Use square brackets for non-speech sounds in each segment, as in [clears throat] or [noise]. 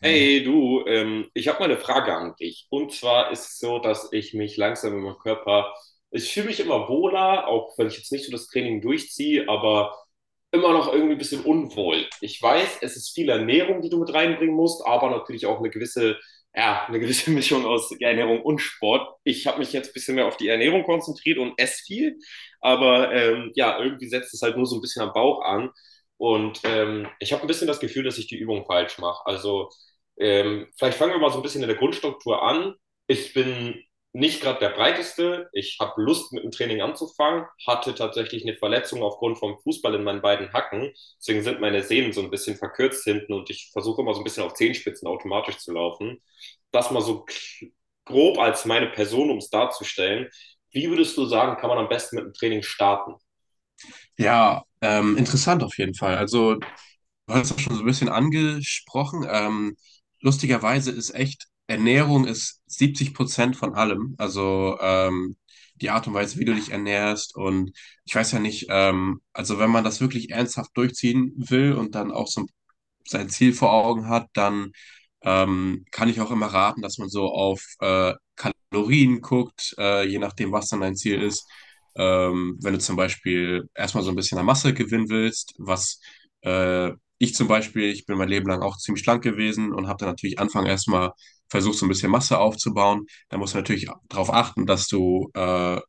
Hey du, ich habe mal eine Frage an dich. Und zwar ist es so, dass ich mich langsam in meinem Körper, ich fühle mich immer wohler, auch wenn ich jetzt nicht so das Training durchziehe, aber immer noch irgendwie ein bisschen unwohl. Ich weiß, es ist viel Ernährung, die du mit reinbringen musst, aber natürlich auch eine gewisse, ja, eine gewisse [laughs] Mischung aus Ernährung und Sport. Ich habe mich jetzt ein bisschen mehr auf die Ernährung konzentriert und esse viel, aber ja, irgendwie setzt es halt nur so ein bisschen am Bauch an. Und ich habe ein bisschen das Gefühl, dass ich die Übung falsch mache. Also vielleicht fangen wir mal so ein bisschen in der Grundstruktur an. Ich bin nicht gerade der breiteste. Ich habe Lust, mit dem Training anzufangen, hatte tatsächlich eine Verletzung aufgrund vom Fußball in meinen beiden Hacken. Deswegen sind meine Sehnen so ein bisschen verkürzt hinten und ich versuche immer so ein bisschen auf Zehenspitzen automatisch zu laufen. Das mal so grob als meine Person, um es darzustellen. Wie würdest du sagen, kann man am besten mit dem Training starten? Ja, interessant auf jeden Fall. Also, du hast das schon so ein bisschen angesprochen. Lustigerweise ist echt, Ernährung ist 70% von allem. Also, die Art und Weise, wie du dich ernährst. Und ich weiß ja nicht, also wenn man das wirklich ernsthaft durchziehen will und dann auch so ein sein Ziel vor Augen hat, dann kann ich auch immer raten, dass man so auf Kalorien guckt, je nachdem, was dann dein Ziel ist. Wenn du zum Beispiel erstmal so ein bisschen an Masse gewinnen willst, was äh, ich bin mein Leben lang auch ziemlich schlank gewesen und habe dann natürlich Anfang erstmal versucht, so ein bisschen Masse aufzubauen. Da musst du natürlich darauf achten, dass du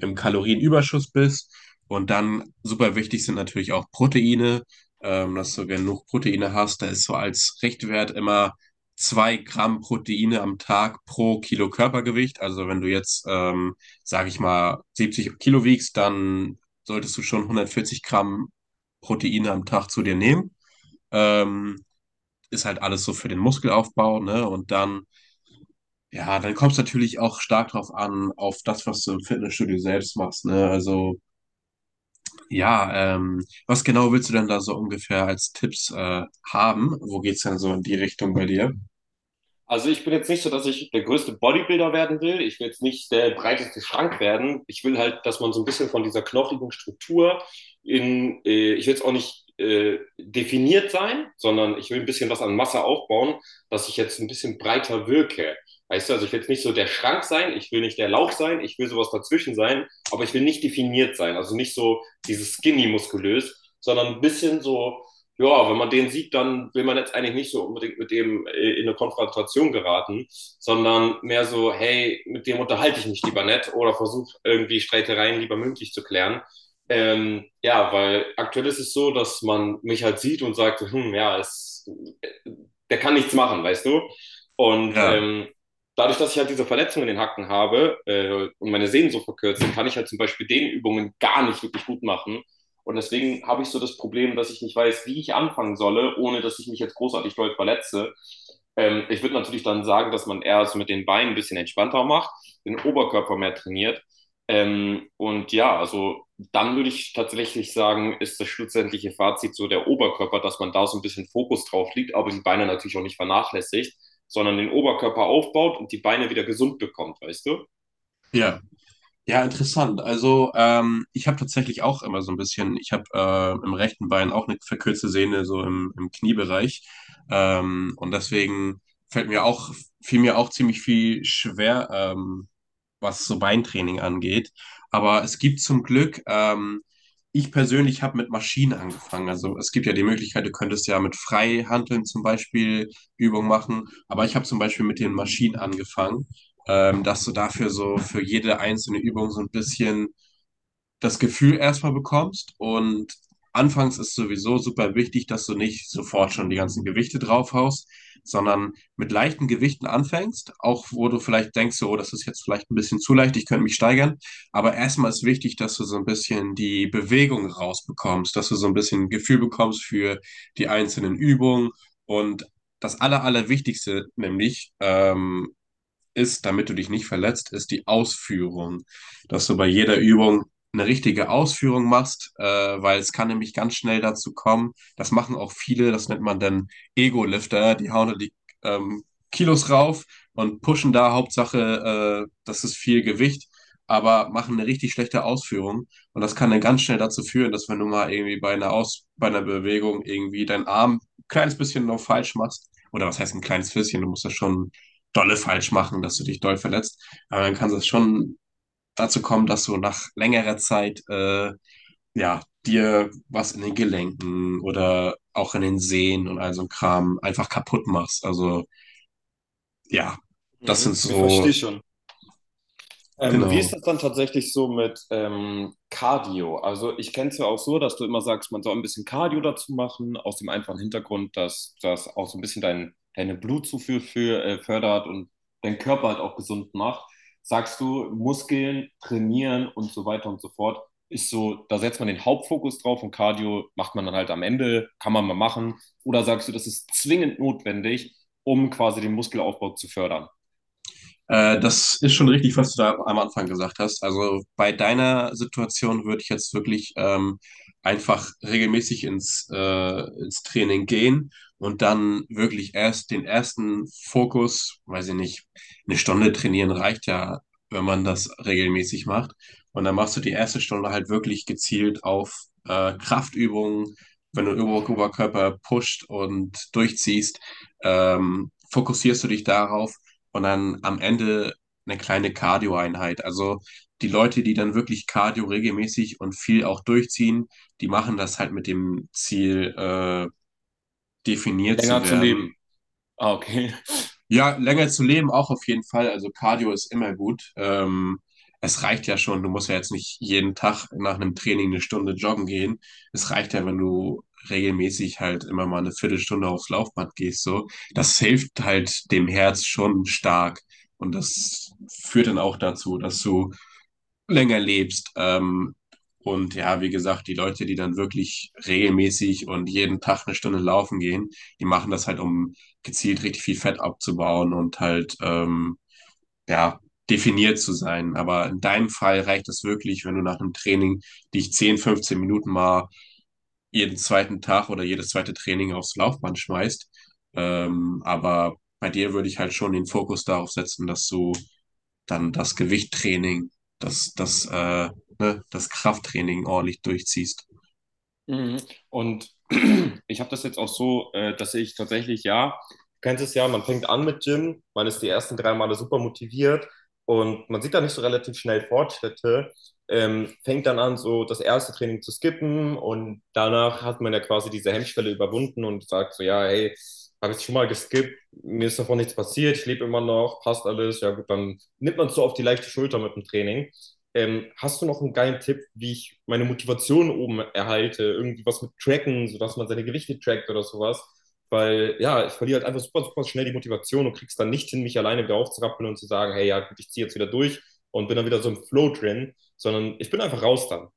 im Kalorienüberschuss bist. Und dann super wichtig sind natürlich auch Proteine, dass du genug Proteine hast. Da ist so als Richtwert immer 2 Gramm Proteine am Tag pro Kilo Körpergewicht. Also wenn du jetzt, sage ich mal, 70 Kilo wiegst, dann solltest du schon 140 Gramm Proteine am Tag zu dir nehmen. Ähm, Ist halt alles so für den Muskelaufbau, ne? Und dann, ja, dann kommt es natürlich auch stark drauf an, auf das, was du im Fitnessstudio selbst machst, ne? Also ja, was genau willst du denn da so ungefähr als Tipps haben? Wo geht's denn so in die Richtung bei dir? Also ich bin jetzt nicht so, dass ich der größte Bodybuilder werden will. Ich will jetzt nicht der breiteste Schrank werden. Ich will halt, dass man so ein bisschen von dieser knochigen Struktur in, ich will jetzt auch nicht definiert sein, sondern ich will ein bisschen was an Masse aufbauen, dass ich jetzt ein bisschen breiter wirke. Weißt du, also ich will jetzt nicht so der Schrank sein, ich will nicht der Lauch sein, ich will sowas dazwischen sein, aber ich will nicht definiert sein. Also nicht so dieses skinny muskulös, sondern ein bisschen so ja, wenn man den sieht, dann will man jetzt eigentlich nicht so unbedingt mit dem in eine Konfrontation geraten, sondern mehr so, hey, mit dem unterhalte ich mich lieber nett oder versuche irgendwie Streitereien lieber mündlich zu klären. Ja, weil aktuell ist es so, dass man mich halt sieht und sagt, hm, ja, es, äh, der kann nichts machen, weißt du? Und Ja, dadurch, dass ich halt diese Verletzung in den Hacken habe und meine Sehnen so verkürzen, kann ich halt zum Beispiel den Übungen gar nicht wirklich gut machen und deswegen habe ich so das Problem, dass ich nicht weiß, wie ich anfangen solle, ohne dass ich mich jetzt großartig doll verletze. Ich würde natürlich dann sagen, dass man eher es mit den Beinen ein bisschen entspannter macht, den Oberkörper mehr trainiert. Und ja, also dann würde ich tatsächlich sagen, ist das schlussendliche Fazit so der Oberkörper, dass man da so ein bisschen Fokus drauf legt, aber die Beine natürlich auch nicht vernachlässigt, sondern den Oberkörper aufbaut und die Beine wieder gesund bekommt, weißt du? ja. Ja, interessant. Also ich habe tatsächlich auch immer so ein bisschen, ich habe im rechten Bein auch eine verkürzte Sehne so im Kniebereich. Und deswegen fällt mir auch, fiel mir auch ziemlich viel schwer, was so Beintraining angeht. Aber es gibt zum Glück, ich persönlich habe mit Maschinen angefangen. Also es gibt ja die Möglichkeit, du könntest ja mit Freihanteln zum Beispiel Übungen machen. Aber ich habe zum Beispiel mit den Maschinen angefangen, dass du dafür so für jede einzelne Übung so ein bisschen das Gefühl erstmal bekommst. Und anfangs ist sowieso super wichtig, dass du nicht sofort schon die ganzen Gewichte draufhaust, sondern mit leichten Gewichten anfängst, auch wo du vielleicht denkst, so, oh, das ist jetzt vielleicht ein bisschen zu leicht, ich könnte mich steigern. Aber erstmal ist wichtig, dass du so ein bisschen die Bewegung rausbekommst, dass du so ein bisschen ein Gefühl bekommst für die einzelnen Übungen, und das Allerwichtigste, nämlich ist, damit du dich nicht verletzt, ist die Ausführung. Dass du bei jeder Übung eine richtige Ausführung machst, weil es kann nämlich ganz schnell dazu kommen. Das machen auch viele, das nennt man dann Ego-Lifter, die hauen da die ähm, Kilos rauf und pushen da Hauptsache, das ist viel Gewicht, aber machen eine richtig schlechte Ausführung. Und das kann dann ganz schnell dazu führen, dass wenn du mal irgendwie bei einer Bewegung irgendwie deinen Arm ein kleines bisschen noch falsch machst, oder was heißt ein kleines bisschen, du musst das schon dolle falsch machen, dass du dich doll verletzt. Aber dann kann es schon dazu kommen, dass du nach längerer Zeit ja dir was in den Gelenken oder auch in den Sehnen und all so ein Kram einfach kaputt machst. Also ja, das Mhm. sind Ich verstehe so schon. Wie ist genau. das dann tatsächlich so mit Cardio? Also ich kenne es ja auch so, dass du immer sagst, man soll ein bisschen Cardio dazu machen, aus dem einfachen Hintergrund, dass das auch so ein bisschen deine Blutzufuhr für, fördert und deinen Körper halt auch gesund macht. Sagst du, Muskeln trainieren und so weiter und so fort, ist so, da setzt man den Hauptfokus drauf und Cardio macht man dann halt am Ende, kann man mal machen. Oder sagst du, das ist zwingend notwendig, um quasi den Muskelaufbau zu fördern, Das ist schon richtig, was du da am Anfang gesagt hast. Also bei deiner Situation würde ich jetzt wirklich einfach regelmäßig ins Training gehen und dann wirklich erst den ersten Fokus, weiß ich nicht, eine Stunde trainieren reicht ja, wenn man das regelmäßig macht. Und dann machst du die erste Stunde halt wirklich gezielt auf Kraftübungen, wenn du Oberkörper pusht und durchziehst, fokussierst du dich darauf und dann am Ende eine kleine Cardio-Einheit. Also die Leute, die dann wirklich Cardio regelmäßig und viel auch durchziehen, die machen das halt mit dem Ziel, definiert zu länger zu werden. leben? Ah, okay. Ja, länger zu leben auch auf jeden Fall. Also Cardio ist immer gut. Es reicht ja schon. Du musst ja jetzt nicht jeden Tag nach einem Training eine Stunde joggen gehen. Es reicht ja, wenn du regelmäßig halt immer mal eine Viertelstunde aufs Laufband gehst, so. Das hilft halt dem Herz schon stark. Und das führt dann auch dazu, dass du länger lebst. Und ja, wie gesagt, die Leute, die dann wirklich regelmäßig und jeden Tag eine Stunde laufen gehen, die machen das halt, um gezielt richtig viel Fett abzubauen und halt, ja, definiert zu sein. Aber in deinem Fall reicht es wirklich, wenn du nach einem Training dich 10, 15 Minuten mal jeden zweiten Tag oder jedes zweite Training aufs Laufband schmeißt. Aber bei dir würde ich halt schon den Fokus darauf setzen, dass du dann das Gewichttraining, das, das, äh, ne, das Krafttraining ordentlich durchziehst. Mhm. Und [clears throat] ich habe das jetzt auch so, dass ich tatsächlich, ja, du kennst es ja, man fängt an mit Gym, man ist die ersten drei Male super motiviert und man sieht da nicht so relativ schnell Fortschritte, fängt dann an, so das erste Training zu skippen und danach hat man ja quasi diese Hemmschwelle überwunden und sagt so, ja, hey, habe ich schon mal geskippt, mir ist davon nichts passiert, ich lebe immer noch, passt alles, ja gut, dann nimmt man es so auf die leichte Schulter mit dem Training. Hast du noch einen geilen Tipp, wie ich meine Motivation oben erhalte? Irgendwie was mit Tracken, sodass man seine Gewichte trackt oder sowas. Weil ja, ich verliere halt einfach super, super schnell die Motivation und krieg's dann nicht hin, mich alleine wieder aufzurappeln und zu sagen, hey, ja, gut, ich ziehe jetzt wieder durch und bin dann wieder so im Flow drin, sondern ich bin einfach raus dann.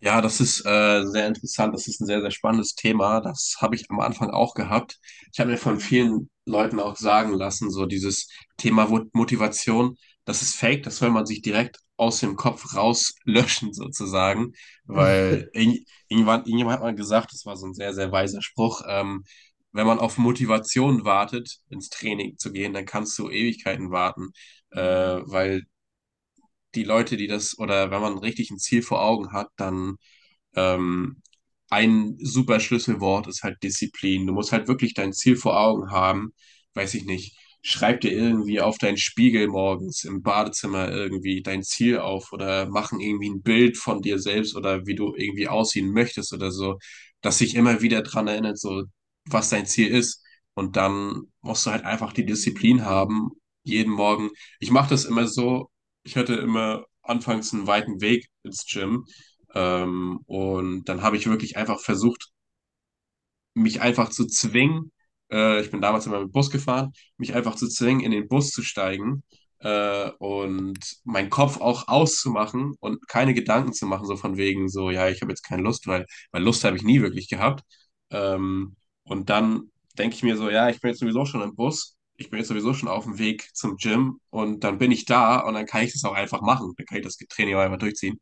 Ja, das ist sehr interessant. Das ist ein sehr, sehr spannendes Thema. Das habe ich am Anfang auch gehabt. Ich habe mir von vielen Leuten auch sagen lassen, so dieses Thema Motivation, das ist fake, das soll man sich direkt aus dem Kopf rauslöschen [laughs] sozusagen, weil [laughs] irgendwann, irgendjemand hat mal gesagt, das war so ein sehr, sehr weiser Spruch. Wenn man auf Motivation wartet, ins Training zu gehen, dann kannst du Ewigkeiten warten, weil die Leute, die das, oder wenn man richtig ein Ziel vor Augen hat, dann ähm, ein super Schlüsselwort ist halt Disziplin. Du musst halt wirklich dein Ziel vor Augen haben. Weiß ich nicht. Schreib dir irgendwie auf deinen Spiegel morgens im Badezimmer irgendwie dein Ziel auf oder machen irgendwie ein Bild von dir selbst oder wie du irgendwie aussehen möchtest oder so, dass sich immer wieder dran erinnert, so was dein Ziel ist. Und dann musst du halt einfach die Disziplin haben, jeden Morgen. Ich mache das immer so, ich hatte immer anfangs einen weiten Weg ins Gym. Und dann habe ich wirklich einfach versucht, mich einfach zu zwingen, ich bin damals immer mit dem Bus gefahren, mich einfach zu zwingen, in den Bus zu steigen, und meinen Kopf auch auszumachen und keine Gedanken zu machen, so von wegen, so, ja, ich habe jetzt keine Lust, weil Lust habe ich nie wirklich gehabt. Ähm, und dann denke ich mir so, ja, ich bin jetzt sowieso schon im Bus. Ich bin jetzt sowieso schon auf dem Weg zum Gym und dann bin ich da und dann kann ich das auch einfach machen. Dann kann ich das Training auch einfach durchziehen.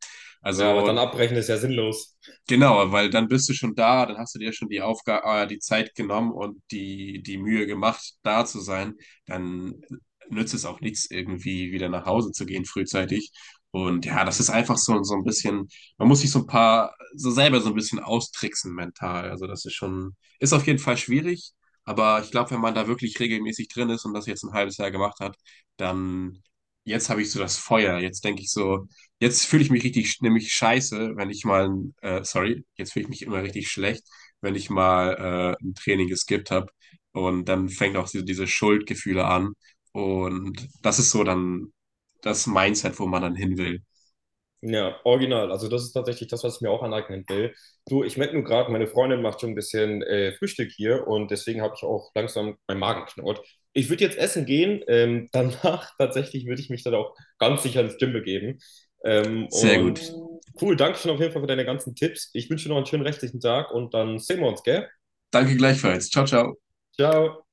Ja, aber dann Also abbrechen ist ja sinnlos. genau, weil dann bist du schon da, dann hast du dir schon die Aufgabe, die Zeit genommen und die Mühe gemacht, da zu sein. Dann nützt es auch nichts, irgendwie wieder nach Hause zu gehen frühzeitig. Und ja, das ist einfach so, so ein bisschen, man muss sich so ein paar, so selber so ein bisschen austricksen mental. Also das ist schon, ist auf jeden Fall schwierig, aber ich glaube, wenn man da wirklich regelmäßig drin ist und das jetzt ein halbes Jahr gemacht hat, dann jetzt habe ich so das Feuer. Jetzt denke ich so, jetzt fühle ich mich richtig, nämlich scheiße, wenn ich mal, ein, sorry, jetzt fühle ich mich immer richtig schlecht, wenn ich mal ein Training geskippt habe. Und dann fängt auch diese Schuldgefühle an. Und das ist so dann das Mindset, wo man dann hin will. Ja, original. Also das ist tatsächlich das, was ich mir auch aneignen will. Du, ich merke nur gerade, meine Freundin macht schon ein bisschen Frühstück hier und deswegen habe ich auch langsam meinen Magen knurrt. Ich würde jetzt essen gehen. Danach [laughs] tatsächlich würde ich mich dann auch ganz sicher ins Gym begeben. Ähm, Sehr gut. und cool, danke schon auf jeden Fall für deine ganzen Tipps. Ich wünsche dir noch einen schönen restlichen Tag und dann sehen wir uns, gell? Danke gleichfalls. Ciao, ciao. Ciao.